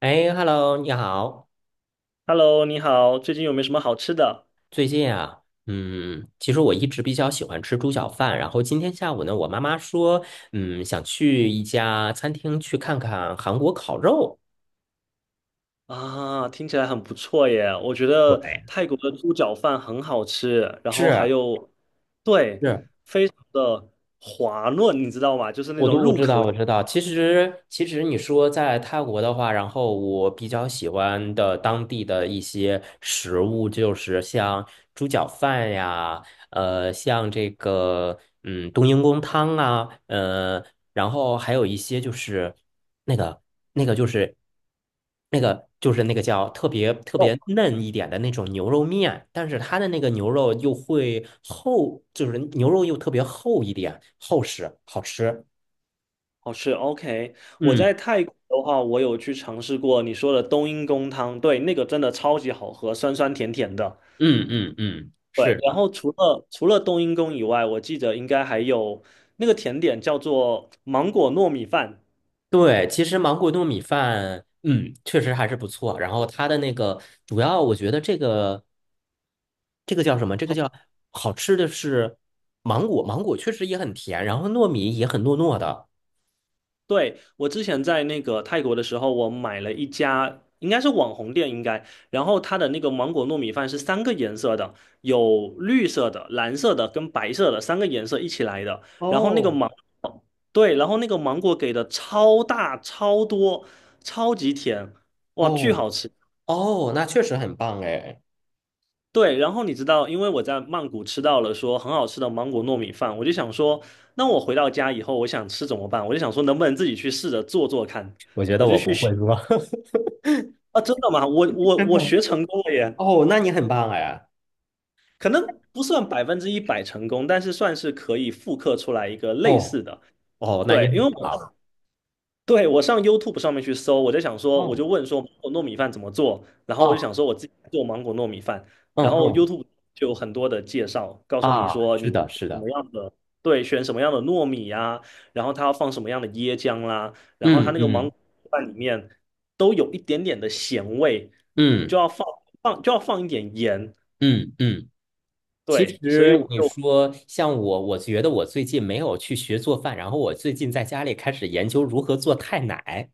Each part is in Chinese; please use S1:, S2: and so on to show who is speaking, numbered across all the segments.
S1: 哎，Hello，你好。
S2: Hello，你好，最近有没有什么好吃的
S1: 最近啊，其实我一直比较喜欢吃猪脚饭。然后今天下午呢，我妈妈说，想去一家餐厅去看看韩国烤肉。
S2: 啊？听起来很不错耶，我觉得
S1: 对，
S2: 泰国的猪脚饭很好吃，然后还
S1: 是
S2: 有对
S1: 是，
S2: 的滑润，你知道吗？就是那种
S1: 我
S2: 入
S1: 知
S2: 口
S1: 道，
S2: 即
S1: 我知道。其实你说在泰国的话，然后我比较喜欢的当地的一些食物，就是像猪脚饭呀，像这个冬阴功汤啊，然后还有一些那个那个就是那个叫特别特
S2: 哦，
S1: 别嫩一点的那种牛肉面，但是它的那个牛肉又会厚，就是牛肉又特别厚一点，厚实，好吃。
S2: 好吃。OK，我
S1: 嗯
S2: 在泰国的话，我有去尝试过你说的冬阴功汤，对，那个真的超级好喝，酸酸甜甜的。
S1: 嗯嗯嗯，
S2: 对，
S1: 是
S2: 然
S1: 的。
S2: 后除了冬阴功以外，我记得应该还有那个甜点叫做芒果糯米饭。
S1: 对，其实芒果糯米饭，确实还是不错。然后它的那个主要，我觉得这个叫什么？这个叫好吃的是芒果，芒果确实也很甜，然后糯米也很糯糯的。
S2: 对，我之前在那个泰国的时候，我买了一家应该是网红店，应该，然后它的那个芒果糯米饭是三个颜色的，有绿色的、蓝色的跟白色的三个颜色一起来的，然后那个
S1: 哦
S2: 芒，对，然后那个芒果给的超大、超多、超级甜，哇，巨
S1: 哦
S2: 好吃。
S1: 哦，那确实很棒哎！
S2: 对，然后你知道，因为我在曼谷吃到了说很好吃的芒果糯米饭，我就想说，那我回到家以后，我想吃怎么办？我就想说，能不能自己去试着做做看。
S1: 我觉得
S2: 我就。
S1: 我不会说，
S2: 啊，真的吗？我 我
S1: 真
S2: 我
S1: 的。
S2: 学成功了耶，
S1: 哦，那你很棒哎！
S2: 可能不算100%成功，但是算是可以复刻出来一个类
S1: 哦
S2: 似的。
S1: 哦，那你
S2: 对，因
S1: 很
S2: 为我
S1: 棒。
S2: 对，我上 YouTube 上面去搜，我就想说，我
S1: 哦
S2: 就问说芒果糯米饭怎么做，然后我就
S1: 哦，
S2: 想说我自己做芒果糯米饭，
S1: 嗯
S2: 然后
S1: 嗯
S2: YouTube 就有很多的介绍，告诉你
S1: 啊，
S2: 说
S1: 是
S2: 你
S1: 的，是
S2: 什
S1: 的，
S2: 么样的，对，选什么样的糯米呀、然后它要放什么样的椰浆啦，然后它
S1: 嗯
S2: 那个芒
S1: 嗯
S2: 果饭里面都有一点点的咸味，
S1: 嗯
S2: 就要放放就要放一点盐，
S1: 嗯嗯。其
S2: 对，所以我
S1: 实你
S2: 就
S1: 说像我，我觉得我最近没有去学做饭，然后我最近在家里开始研究如何做泰奶、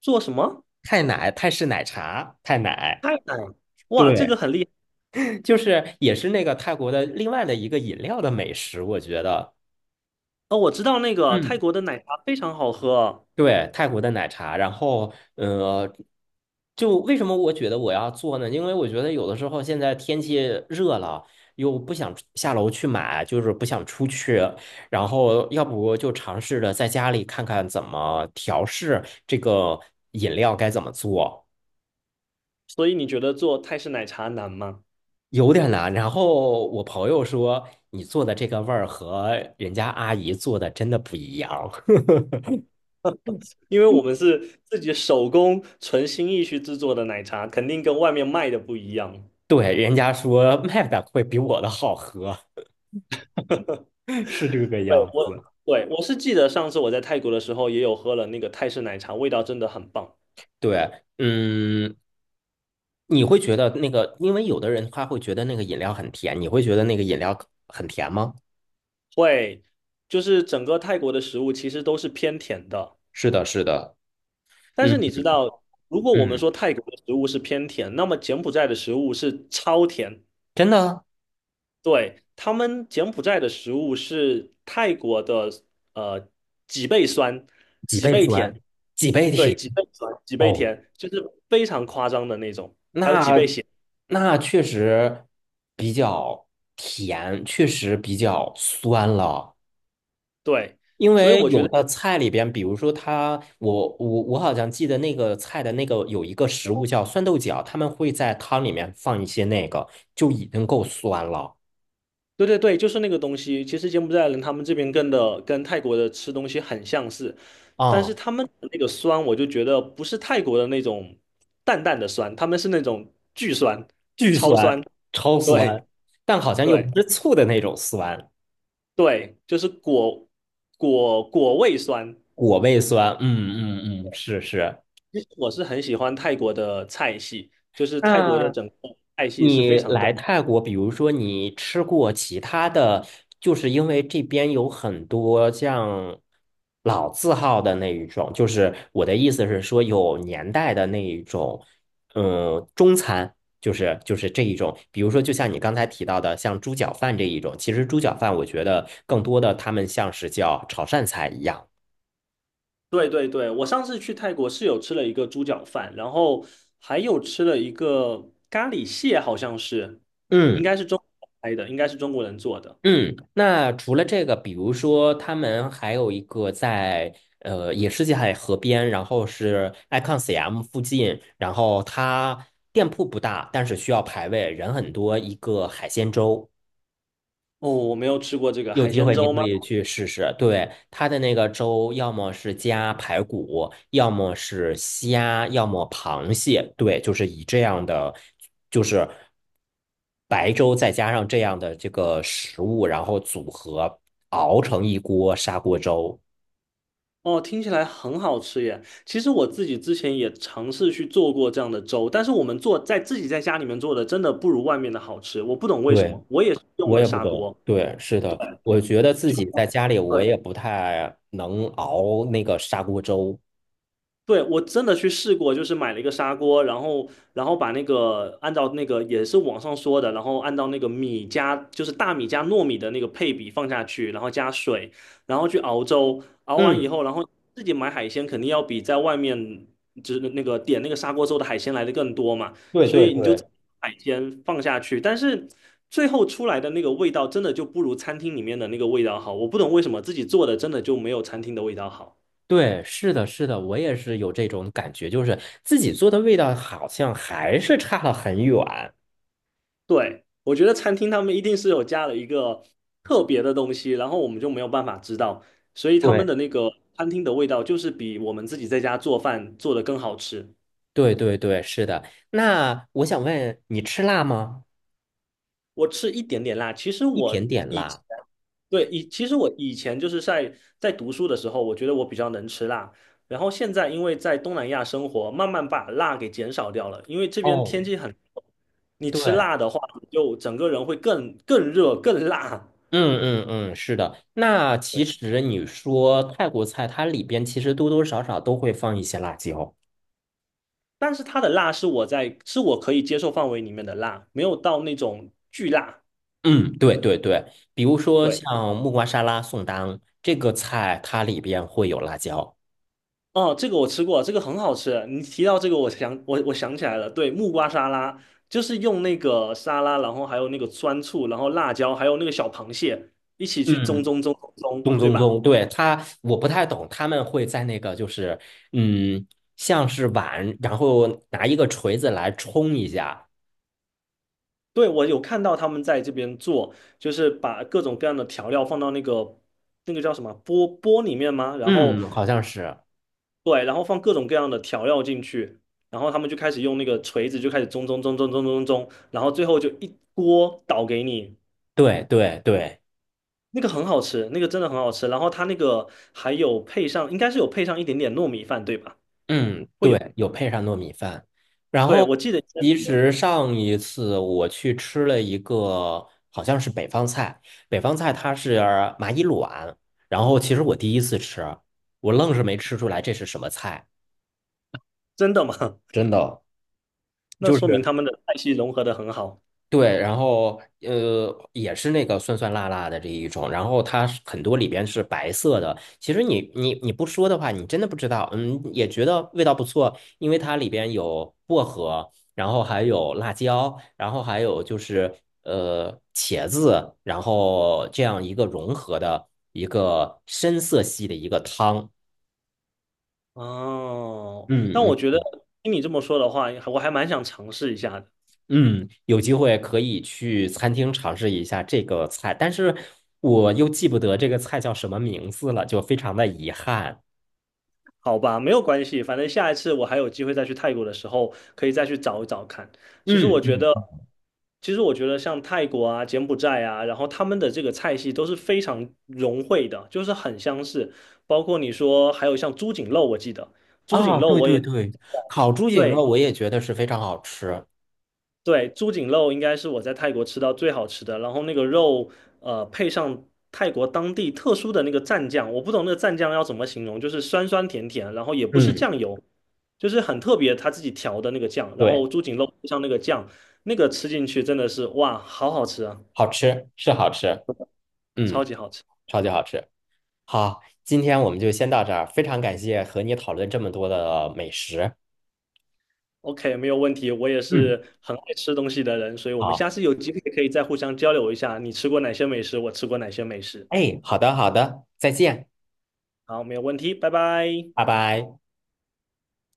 S2: 做什么
S1: 泰式奶茶、泰奶，
S2: 泰奶，哇，这个
S1: 对，
S2: 很厉害
S1: 就是也是那个泰国的另外的一个饮料的美食，我觉得，
S2: 哦，我知道那个泰
S1: 嗯。
S2: 国的奶茶非常好喝。
S1: 对，泰国的奶茶，然后就为什么我觉得我要做呢？因为我觉得有的时候现在天气热了，又不想出下楼去买，就是不想出去，然后要不就尝试着在家里看看怎么调试这个饮料该怎么做，
S2: 所以你觉得做泰式奶茶难吗？
S1: 有点难。然后我朋友说，你做的这个味儿和人家阿姨做的真的不一样，
S2: 因为我们是自己手工纯心意去制作的奶茶，肯定跟外面卖的不一样。
S1: 对，人家说 卖的会比我的好喝，是这个
S2: 对，
S1: 样
S2: 我，
S1: 子。
S2: 对，我是记得上次我在泰国的时候也有喝了那个泰式奶茶，味道真的很棒。
S1: 对，嗯，你会觉得那个，因为有的人他会觉得那个饮料很甜，你会觉得那个饮料很甜吗？
S2: 会，就是整个泰国的食物其实都是偏甜的，
S1: 是的，是的，
S2: 但是
S1: 嗯
S2: 你知道，如果我们
S1: 嗯，
S2: 说泰国的食物是偏甜，那么柬埔寨的食物是超甜，
S1: 真的啊。
S2: 对，他们柬埔寨的食物是泰国的呃几倍酸，
S1: 几
S2: 几
S1: 倍
S2: 倍甜，
S1: 酸，几倍
S2: 对，
S1: 甜。
S2: 几倍酸，几倍
S1: 哦，
S2: 甜，就是非常夸张的那种。
S1: 那那确实比较甜，确实比较酸了。
S2: 对，
S1: 因
S2: 所以
S1: 为
S2: 我觉
S1: 有
S2: 得，
S1: 的菜里边，比如说它，我好像记得那个菜的那个有一个食物叫酸豆角，他们会在汤里面放一些那个，就已经够酸了
S2: 对对对，就是那个东西。其实柬埔寨人他们这边跟泰国的吃东西很相似，但是
S1: 啊。
S2: 他们的那个酸，我就觉得不是泰国的那种淡淡的酸，他们是那种巨酸、
S1: 巨
S2: 超
S1: 酸，
S2: 酸。
S1: 超酸，
S2: 对
S1: 但好像又
S2: 对。
S1: 不是醋的那种酸，
S2: 对，就是果果味酸。
S1: 果味酸，嗯嗯嗯，是是。
S2: 其实我是很喜欢泰国的菜系，就是泰国的
S1: 嗯，
S2: 整个菜系是
S1: 你
S2: 非常
S1: 来
S2: 的。
S1: 泰国，比如说你吃过其他的，就是因为这边有很多像老字号的那一种，就是我的意思是说有年代的那一种，嗯，中餐，就是这一种，比如说就像你刚才提到的，像猪脚饭这一种，其实猪脚饭我觉得更多的他们像是叫潮汕菜一样，
S2: 对对对，我上次去泰国是有吃了一个猪脚饭，然后还有吃了一个咖喱蟹，好像是，应
S1: 嗯。
S2: 该是中国拍的，应该是中国人做的。
S1: 嗯，那除了这个，比如说他们还有一个在也是在河边，然后是 Icon CM 附近，然后它店铺不大，但是需要排位，人很多，一个海鲜粥。
S2: 哦，我没有吃过这个
S1: 有
S2: 海
S1: 机
S2: 鲜
S1: 会你
S2: 粥
S1: 可
S2: 吗？
S1: 以去试试，对，它的那个粥，要么是加排骨，要么是虾，要么螃蟹，对，就是以这样的，就是白粥再加上这样的这个食物，然后组合熬成一锅砂锅粥。
S2: 哦，听起来很好吃耶！其实我自己之前也尝试去做过这样的粥，但是我们做在自己在家里面做的，真的不如外面的好吃。我不懂为什
S1: 对，
S2: 么，我也是用
S1: 我
S2: 了
S1: 也不
S2: 砂
S1: 懂，
S2: 锅，
S1: 对，是
S2: 对，
S1: 的，我觉得自
S2: 就
S1: 己在家里我也
S2: 对，
S1: 不太能熬那个砂锅粥。
S2: 对，我真的去试过，就是买了一个砂锅，然后把那个按照那个也是网上说的，然后按照那个米加就是大米加糯米的那个配比放下去，然后加水，然后去熬粥，熬完以
S1: 嗯，
S2: 后，然后自己买海鲜肯定要比在外面就是那个点那个砂锅粥的海鲜来的更多嘛，
S1: 对
S2: 所
S1: 对
S2: 以你就自
S1: 对。
S2: 己把海鲜放下去，但是最后出来的那个味道真的就不如餐厅里面的那个味道好，我不懂为什么自己做的真的就没有餐厅的味道好。
S1: 对，是的，是的，我也是有这种感觉，就是自己做的味道好像还是差了很远。
S2: 对，我觉得餐厅他们一定是有加了一个特别的东西，然后我们就没有办法知道，所以他们
S1: 对，
S2: 的那个餐厅的味道就是比我们自己在家做饭做的更好吃。
S1: 对，对，对，是的。那我想问你吃辣吗？
S2: 我吃一点点辣，其实
S1: 一点
S2: 我
S1: 点
S2: 以前
S1: 辣。
S2: 对以其实我以前就是在读书的时候，我觉得我比较能吃辣，然后现在因为在东南亚生活，慢慢把辣给减少掉了，因为这边天
S1: 哦，
S2: 气很，你吃
S1: 对，
S2: 辣的话，你就整个人会更热更辣。
S1: 嗯嗯嗯，是的。那其
S2: 对。
S1: 实你说泰国菜，它里边其实多多少少都会放一些辣椒。
S2: 但是它的辣是我在是我可以接受范围里面的辣，没有到那种巨辣。
S1: 嗯，对对对，比如说
S2: 对，
S1: 像木瓜沙拉、宋当这个菜，它里边会有辣椒。
S2: 哦，这个我吃过，这个很好吃。你提到这个，我想我想起来了，对，木瓜沙拉就是用那个沙拉，然后还有那个酸醋，然后辣椒，还有那个小螃蟹一起去蒸
S1: 嗯
S2: 蒸蒸蒸蒸
S1: 咚
S2: 对
S1: 咚
S2: 吧？
S1: 咚，对，他，我不太懂，他们会在那个就是，嗯，像是碗，然后拿一个锤子来冲一下，
S2: 对，我有看到他们在这边做，就是把各种各样的调料放到那个那个叫什么钵钵里面吗？然后
S1: 嗯，好像是，
S2: 对，然后放各种各样的调料进去，然后他们就开始用那个锤子就开始中中中中中中中，然后最后就一锅倒给你，
S1: 对对对，
S2: 那个很好吃，那个真的很好吃。然后它那个还有配上，应该是有配上一点点糯米饭，对吧？
S1: 嗯，
S2: 会有，
S1: 对，有配上糯米饭。然
S2: 对，
S1: 后
S2: 我记得应该是
S1: 其
S2: 有，
S1: 实上一次我去吃了一个，好像是北方菜，北方菜它是蚂蚁卵，然后其实我第一次吃，我愣是没吃出来这是什么菜，
S2: 真的吗？
S1: 真的。
S2: 那
S1: 就是
S2: 说明他们的菜系融合的很好
S1: 对，然后也是那个酸酸辣辣的这一种，然后它是很多里边是白色的。其实你不说的话，你真的不知道，嗯，也觉得味道不错，因为它里边有薄荷，然后还有辣椒，然后还有就是茄子，然后这样一个融合的一个深色系的一个汤。
S2: 哦。
S1: 嗯
S2: 但我
S1: 嗯
S2: 觉得听你这么说的话，我还蛮想尝试一下的。
S1: 嗯，有机会可以去餐厅尝试一下这个菜，但是我又记不得这个菜叫什么名字了，就非常的遗憾。
S2: 好吧，没有关系，反正下一次我还有机会再去泰国的时候，可以再去找一找看。其实
S1: 嗯，
S2: 我觉得，
S1: 嗯，
S2: 其实我觉得像泰国啊、柬埔寨啊，然后他们的这个菜系都是非常融汇的，就是很相似。包括你说还有像猪颈肉，我记得猪颈
S1: 啊，
S2: 肉
S1: 对
S2: 我
S1: 对
S2: 也。
S1: 对，烤猪颈肉
S2: 对，
S1: 我也觉得是非常好吃。
S2: 对，猪颈肉应该是我在泰国吃到最好吃的，然后那个肉，配上泰国当地特殊的那个蘸酱，我不懂那个蘸酱要怎么形容，就是酸酸甜甜，然后也不是
S1: 嗯，
S2: 酱油，就是很特别他自己调的那个酱，然
S1: 对，
S2: 后猪颈肉配上那个酱，那个吃进去真的是哇，好好吃啊，
S1: 好吃，是好吃，
S2: 超
S1: 嗯，
S2: 级好吃。
S1: 超级好吃。好，今天我们就先到这儿，非常感谢和你讨论这么多的美食。
S2: OK，没有问题，我也
S1: 嗯，
S2: 是很爱吃东西的人，所以我们
S1: 好，
S2: 下次有机会可以再互相交流一下，你吃过哪些美食，我吃过哪些美食。
S1: 哎，好的好的，再见，
S2: 好，没有问题，拜拜。
S1: 拜拜。